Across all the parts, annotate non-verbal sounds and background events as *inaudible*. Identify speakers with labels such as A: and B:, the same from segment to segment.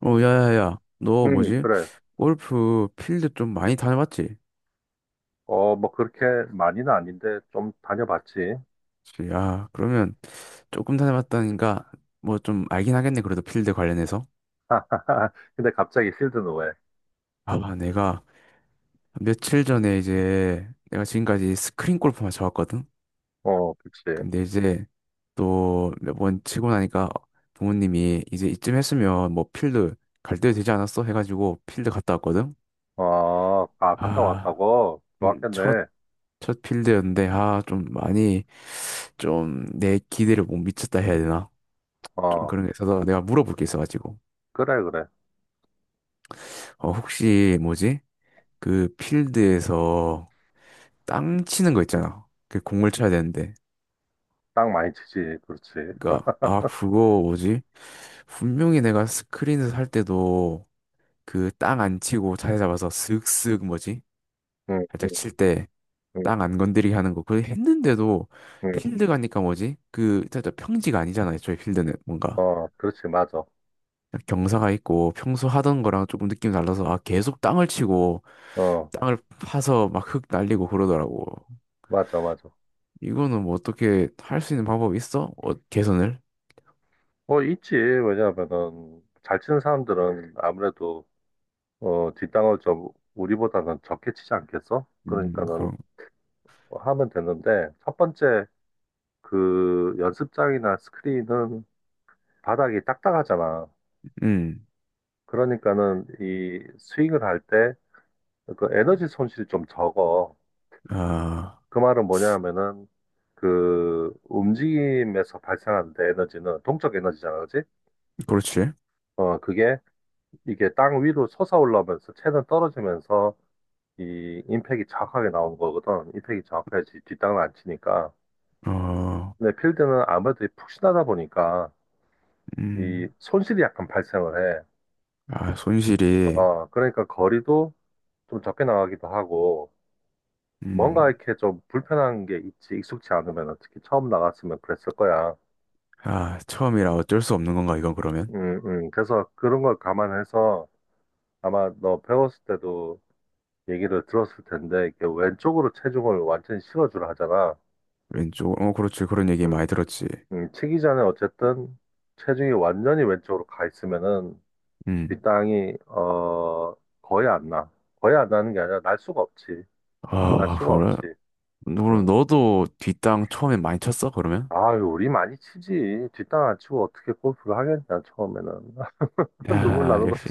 A: 어, 야야야, 너
B: 응,
A: 뭐지?
B: 그래.
A: 골프 필드 좀 많이 다녀봤지?
B: 어, 뭐 그렇게 많이는 아닌데 좀 다녀봤지.
A: 그치. 야, 그러면 조금 다녀봤다니까 뭐 좀 알긴 하겠네. 그래도 필드 관련해서.
B: *laughs* 근데 갑자기 필드는 왜?
A: 아, 내가 며칠 전에 이제 내가 지금까지 스크린 골프만 쳐왔거든?
B: 어, 그치.
A: 근데 이제 또 몇 번 치고 나니까 부모님이 이제 이쯤 했으면 뭐 필드 갈 때 되지 않았어? 해가지고 필드 갔다 왔거든?
B: 어, 아, 갔다
A: 아,
B: 왔다고?
A: 음,
B: 좋았겠네.
A: 첫, 첫 필드였는데, 아, 좀 많이 좀 내 기대를 못 미쳤다 해야 되나? 좀
B: 어,
A: 그런 게 있어서 내가 물어볼 게 있어가지고.
B: 그래, 그래.
A: 어, 혹시 뭐지? 그 필드에서 땅 치는 거 있잖아. 그 공을 쳐야 되는데.
B: 땅 많이 치지. 그렇지.
A: 그니까, 아, 그거 뭐지? 분명히 내가 스크린에서 할 때도 그 땅 안 치고 자세 잡아서 슥슥 뭐지?
B: 응, 응,
A: 살짝 칠 때.
B: 응,
A: 땅 안 건드리게 하는 거. 그걸 했는데도
B: 응.
A: 필드 가니까 뭐지? 그 진짜 평지가 아니잖아. 애초에 필드는 뭔가.
B: 어, 그렇지. 맞아.
A: 경사가 있고 평소 하던 거랑 조금 느낌이 달라서 아 계속 땅을 치고
B: 어,
A: 땅을 파서 막 흙 날리고 그러더라고.
B: 맞아, 맞아.
A: 이거는 뭐 어떻게 할 수 있는 방법이 있어? 어, 개선을?
B: 어, 있지. 왜냐하면은 잘 치는 사람들은 아무래도 어, 뒷땅을 좀 우리보다는 적게 치지 않겠어? 그러니까는
A: 그럼,
B: 하면 되는데 첫 번째 그 연습장이나 스크린은 바닥이 딱딱하잖아.
A: 음,
B: 그러니까는 이 스윙을 할 때 그 에너지 손실이 좀 적어.
A: 아,
B: 그 말은 뭐냐 하면은 그 움직임에서 발생하는데 에너지는 동적 에너지잖아, 그지?
A: 그렇지.
B: 어, 그게 이게 땅 위로 솟아올라오면서 채는 떨어지면서 이 임팩이 정확하게 나오는 거거든. 임팩이 정확해야지 뒷땅을 안 치니까.
A: 어,
B: 근데 필드는 아무래도 푹신하다 보니까 이
A: 음,
B: 손실이 약간 발생을 해.
A: 아, 손실이,
B: 어, 그러니까 거리도 좀 적게 나가기도 하고, 뭔가
A: 음,
B: 이렇게 좀 불편한 게 있지, 익숙치 않으면, 특히 처음 나갔으면 그랬을 거야.
A: 아, 처음이라 어쩔 수 없는 건가, 이건 그러면?
B: 그래서 그런 걸 감안해서 아마 너 배웠을 때도 얘기를 들었을 텐데, 이렇게 왼쪽으로 체중을 완전히 실어주라 하잖아.
A: 왼쪽, 어, 그렇지. 그런 얘기
B: 음,
A: 많이 들었지.
B: 치기 전에 어쨌든 체중이 완전히 왼쪽으로 가 있으면은
A: 음,
B: 뒷땅이, 어, 거의 안 나. 거의 안 나는 게 아니라 날 수가 없지. 날
A: 아,
B: 수가
A: 그래?
B: 없지.
A: 그럼
B: 음.
A: 너도 뒷땅 처음에 많이 쳤어, 그러면?
B: 아유, 우리 많이 치지. 뒷땅 안 치고 어떻게 골프를 하겠냐, 처음에는. *laughs* 눈물
A: 야,
B: 나는 거지.
A: 역시.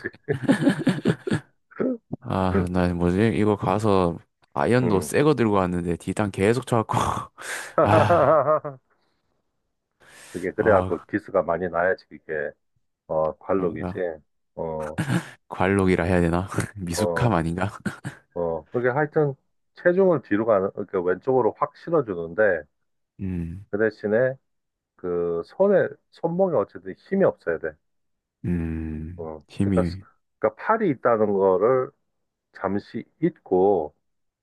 A: 아, 나 뭐지? 이거 가서 아이언도
B: 응.
A: 새거 들고 왔는데 디탄 계속 쳐갖고 *laughs* 아,
B: *laughs* 그게 그래갖고
A: 아
B: 기스가 많이 나야지, 그게. 어, 관록이지.
A: 그런가?
B: 어,
A: 관록이라 해야 되나? *laughs* 미숙함
B: 어,
A: 아닌가?
B: 어. 그게 하여튼 체중을 뒤로 가는, 그러니까 왼쪽으로 확 실어주는데,
A: 음,
B: 그 대신에 그 손에, 손목에 어쨌든 힘이 없어야 돼. 어. 그러니까,
A: 힘이,
B: 그러니까 팔이 있다는 거를 잠시 잊고,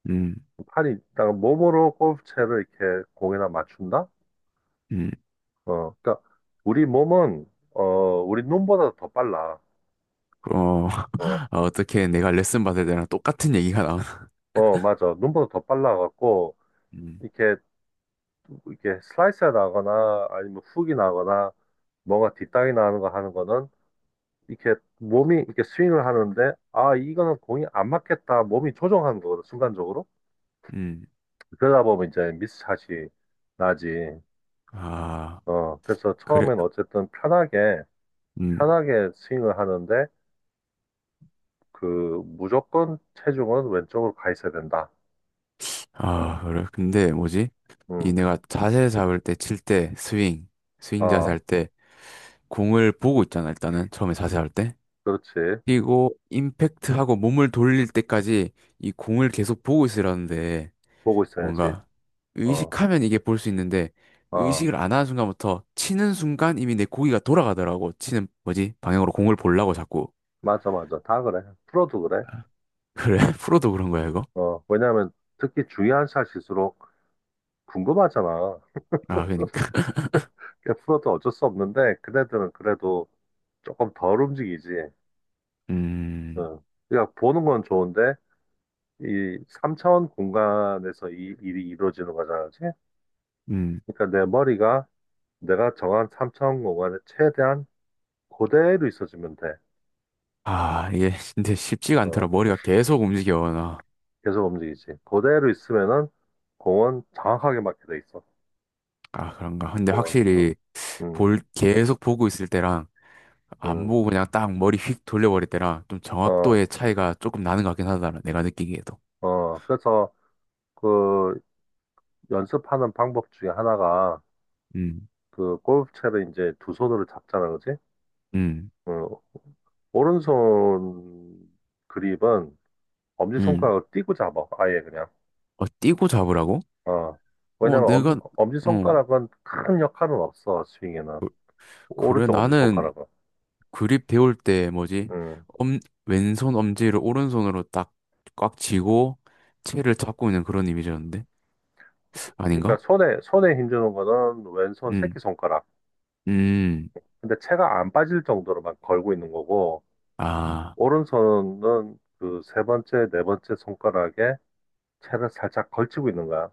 A: 음,
B: 팔이 있다가 몸으로 골프채를 이렇게 공에다 맞춘다?
A: 음,
B: 어, 그러니까 우리 몸은 어, 우리 눈보다 더 빨라.
A: 어,
B: 어,
A: *laughs* 아, 어떻게 내가 레슨 받을 때랑 똑같은 얘기가 나오나? *laughs*
B: 어, 맞아. 눈보다 더 빨라 갖고
A: 음,
B: 이렇게 이렇게 슬라이스 나거나 아니면 훅이 나거나 뭔가 뒷땅이 나는 거 하는 거는 이렇게 몸이 이렇게 스윙을 하는데 아, 이거는 공이 안 맞겠다. 몸이 조정하는 거거든, 순간적으로.
A: 음,
B: 그러다 보면 이제 미스샷이 나지.
A: 아,
B: 어, 그래서
A: 그래,
B: 처음엔 어쨌든 편하게
A: 음,
B: 편하게 스윙을 하는데 그 무조건 체중은 왼쪽으로 가 있어야 된다. 어,
A: 아, 그래. 근데 뭐지? 이
B: 응,
A: 내가 자세 잡을 때, 칠 때, 스윙, 스윙 자세 할
B: 어,
A: 때, 공을 보고 있잖아, 일단은. 처음에 자세 할 때.
B: 그렇지.
A: 그리고 임팩트하고 몸을 돌릴 때까지 이 공을 계속 보고 있으라는데
B: 보고 있어야지.
A: 뭔가
B: 어,
A: 의식하면 이게 볼 수 있는데
B: 어,
A: 의식을 안 하는 순간부터 치는 순간 이미 내 고기가 돌아가더라고. 치는 뭐지? 방향으로 공을 보려고 자꾸.
B: 맞아, 맞아. 다 그래. 프로도 그래.
A: 그래, *laughs* 프로도 그런 거야, 이거?
B: 어, 왜냐면 특히 중요한 샷일수록 궁금하잖아.
A: 아, 그러니까. *laughs*
B: 그러니까 프로도 어쩔 수 없는데, 그네들은 그래도 조금 덜 움직이지.
A: 음,
B: 응. 그러니까 보는 건 좋은데, 이 3차원 공간에서 이 일이 이루어지는 거잖아. 그치?
A: 음.
B: 그러니까 내 머리가 내가 정한 3차원 공간에 최대한 그대로 있어주면 돼.
A: 아, 이게 *laughs* 근데 쉽지가 않더라.
B: 어,
A: 머리가 계속 움직여, 나.
B: 계속 움직이지. 그대로 있으면은 공은 정확하게 맞게 돼 있어.
A: 아, 그런가. 근데
B: 공은. 응,
A: 확실히
B: 응,
A: 볼, 계속 보고 있을 때랑 안
B: 응.
A: 보고 그냥 딱 머리 휙 돌려버릴 때랑 좀
B: 어,
A: 정확도의 차이가 조금 나는 것 같긴 하다. 내가 느끼기에도.
B: 어. 그래서 그 연습하는 방법 중에 하나가
A: 음,
B: 그 골프채를 이제 두 손으로 잡잖아, 그지?
A: 음,
B: 응. 오른손 그립은
A: 음.
B: 엄지손가락을 띄고 잡아. 아예 그냥.
A: 어, 띄고 잡으라고?
B: 어.
A: 어,
B: 왜냐면
A: 내가, 어,
B: 엄지손가락은 큰 역할은 없어, 스윙에는.
A: 그래.
B: 오른쪽
A: 나는
B: 엄지손가락은.
A: 그립 배울 때 뭐지?
B: 응.
A: 엄, 왼손 엄지를 오른손으로 딱 꽉 쥐고 채를 잡고 있는 그런 이미지였는데?
B: 그러니까
A: 아닌가?
B: 손에 힘주는 거는 왼손
A: 음,
B: 새끼손가락.
A: 음.
B: 근데 채가 안 빠질 정도로만 걸고 있는 거고,
A: 아,
B: 오른손은 그 세 번째, 네 번째 손가락에 채를 살짝 걸치고 있는 거야.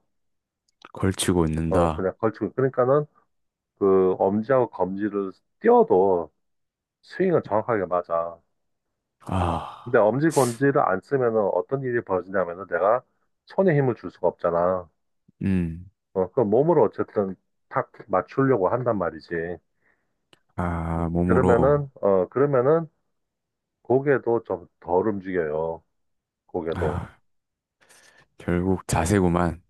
A: 걸치고
B: 어,
A: 있는다.
B: 그냥 걸치고. 그러니까는 그 엄지하고 검지를 띄워도 스윙은 정확하게 맞아. 근데
A: 아,
B: 엄지, 검지를 안 쓰면은 어떤 일이 벌어지냐면은 내가 손에 힘을 줄 수가 없잖아.
A: 음.
B: 어, 그 몸으로 어쨌든 탁 맞추려고 한단 말이지.
A: 아, 몸으로.
B: 그러면은 고개도 좀 덜 움직여요. 고개도.
A: 아, 결국 자세구만.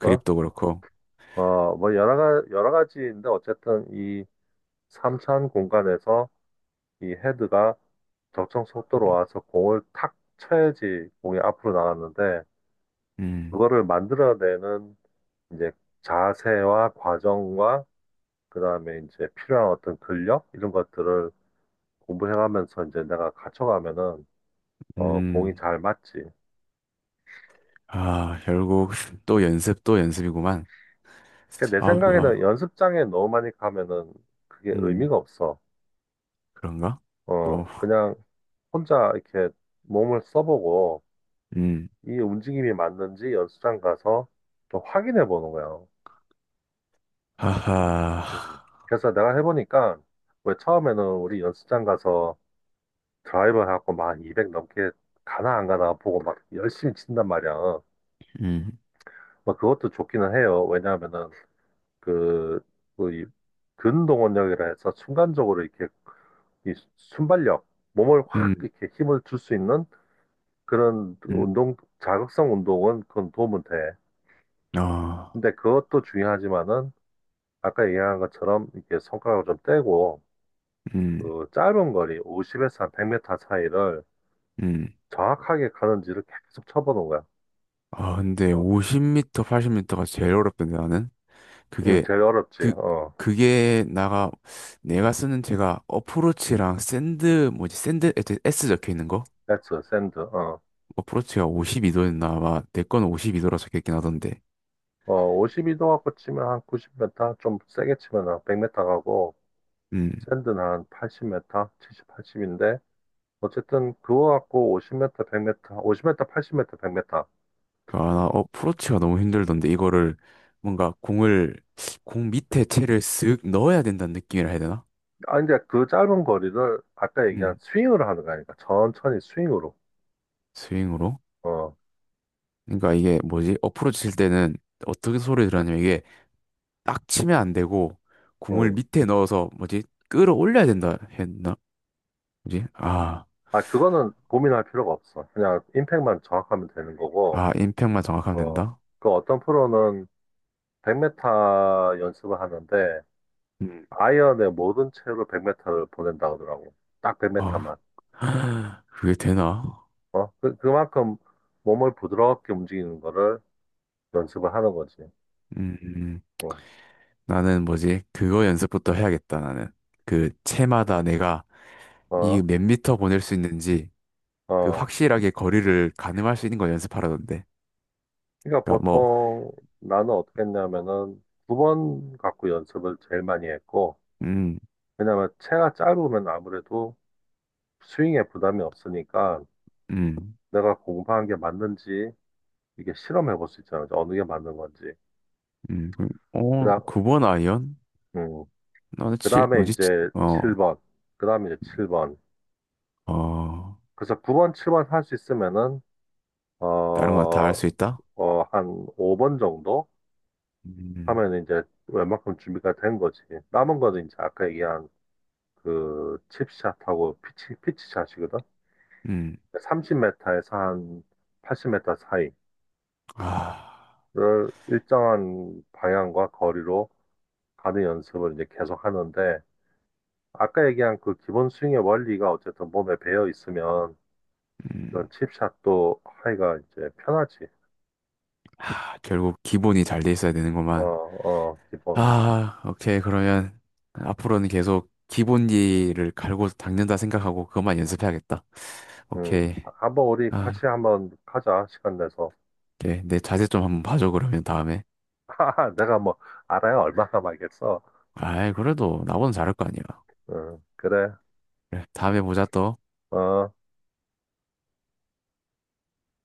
B: 어?
A: 그렇고.
B: 어, 뭐 여러 가지인데 어쨌든 이 삼 차원 공간에서 이 헤드가 적정 속도로 와서 공을 탁 쳐야지 공이 앞으로 나갔는데
A: 음,
B: 그거를 만들어내는 이제 자세와 과정과 그다음에 이제 필요한 어떤 근력 이런 것들을 공부해가면서 이제 내가 갖춰가면은 어 공이
A: 음,
B: 잘 맞지.
A: 아, 결국 *laughs* 또 연습, 또 연습이구만.
B: 그러니까 내
A: 아,
B: 생각에는
A: 뭐,
B: 연습장에 너무 많이 가면은 그게
A: 음,
B: 의미가 없어.
A: 그런가? 또,
B: 어 그냥 혼자 이렇게 몸을 써보고
A: 음,
B: 이 움직임이 맞는지 연습장 가서 또 확인해 보는 거예요.
A: 하하,
B: 음. 그래서 내가 해보니까 왜 처음에는 우리 연습장 가서 드라이버 해갖고 막 200 넘게 가나 안 가나 보고 막 열심히 친단 말이야.
A: 음,
B: 뭐 그것도 좋기는 해요. 왜냐하면은 그, 그 이- 근동원력이라 해서 순간적으로 이렇게 이 순발력, 몸을 확
A: 음,
B: 이렇게 힘을 줄 수 있는 그런
A: 음,
B: 운동, 자극성 운동은 그건 도움은 돼.
A: 아,
B: 근데 그것도 중요하지만은 아까 얘기한 것처럼 이렇게 손가락을 좀 떼고
A: 음,
B: 그 짧은 거리 50m에서 한 100m 사이를
A: 음.
B: 정확하게 가는지를 계속 쳐보는 거야.
A: 아, 근데
B: 어.
A: 50m, 80m가 제일 어렵던데, 나는. 그게,
B: 제일 어렵지.
A: 그,
B: 어.
A: 그게 나가, 내가 쓰는 제가 어프로치랑 샌드, 뭐지, 샌드, 에스 S 적혀 있는 거?
B: 배트, 샌드. 어.
A: 어프로치가 52도였나? 아마, 내 거는 52도라 적혀 있긴 하던데.
B: 어, 52도 갖고 치면 한 90m, 좀 세게 치면 한 100m 가고
A: 음.
B: 샌드는 한 80m, 70, 80인데 어쨌든 그거 갖고 50m, 100m, 50m, 80m, 100m.
A: 아, 나 어프로치가 너무 힘들던데 이거를 뭔가 공을 공 밑에 채를 쓱 넣어야 된다는 느낌이라 해야 되나?
B: 아, 이제 그 짧은 거리를 아까 얘기한
A: 음.
B: 스윙으로 하는 거아니까 천천히 스윙으로.
A: 스윙으로.
B: 어.
A: 그러니까 이게 뭐지? 어프로치 칠 때는 어떻게 소리 들었냐면 이게 딱 치면 안 되고 공을
B: 음.
A: 밑에 넣어서 뭐지? 끌어올려야 된다 했나? 뭐지? 아.
B: 아, 그거는 고민할 필요가 없어. 그냥 임팩만 정확하면 되는 거고,
A: 아, 임팩만 정확하면
B: 어,
A: 된다?
B: 그 어떤 프로는 100m 연습을 하는데,
A: 음.
B: 아이언의 모든 채로 100m를 보낸다 그러더라고. 딱
A: 어우.
B: 100m만.
A: *laughs* 그게 되나?
B: 어, 그만큼 몸을 부드럽게 움직이는 거를 연습을 하는 거지.
A: 음. 음. 음.
B: 어,
A: 나는 뭐지? 그거 연습부터 해야겠다, 나는. 그 채마다 내가 이
B: 어,
A: 몇 미터 보낼 수 있는지 그
B: 어.
A: 확실하게 거리를 가늠할 수 있는 걸 연습하라던데.
B: 그러니까
A: 그러니까 뭐,
B: 보통 나는 어떻게 했냐면은 두 번 갖고 연습을 제일 많이 했고,
A: 음,
B: 왜냐면 채가 짧으면 아무래도 스윙에 부담이 없으니까,
A: 음,
B: 내가 공부한 게 맞는지 이게 실험해 볼 수 있잖아. 어느 게 맞는 건지.
A: 어,
B: 그다음,
A: 9번 아이언?
B: 음,
A: 나는 칠
B: 그다음에
A: 뭐지? 칠-
B: 이제
A: 어,
B: 7번. 그다음에 이제 7번.
A: 어,
B: 그래서 9번, 7번 할 수 있으면은
A: 다른 거
B: 어,
A: 다 할 수 있다?
B: 어, 한 5번 정도
A: 음,
B: 하면 이제 웬만큼 준비가 된 거지. 남은 거는 이제 아까 얘기한 그 칩샷하고 피치샷이거든.
A: 음,
B: 30m에서 한 80m 사이를
A: 아,
B: 일정한 방향과 거리로 가는 연습을 이제 계속 하는데 아까 얘기한 그 기본 스윙의 원리가 어쨌든 몸에 배어 있으면
A: 음,
B: 이런 칩샷도 하기가 이제 편하지.
A: 아, 결국 기본이 잘 돼 있어야
B: 어,
A: 되는구만.
B: 어, 기본.
A: 아, 오케이. 그러면 앞으로는 계속 기본기를 갈고 닦는다 생각하고 그것만 연습해야겠다.
B: 음.
A: 오케이.
B: 아, 한번 우리
A: 아,
B: 같이 한번 가자, 시간 내서.
A: 오케이. 내 자세 좀 한번 봐줘, 그러면 다음에.
B: *laughs* 하하, 내가 뭐 알아야 얼마나 말겠어.
A: 아이, 그래도 나보다 잘할 거 아니야.
B: 그래.
A: 그래, 다음에 보자 또.
B: 어.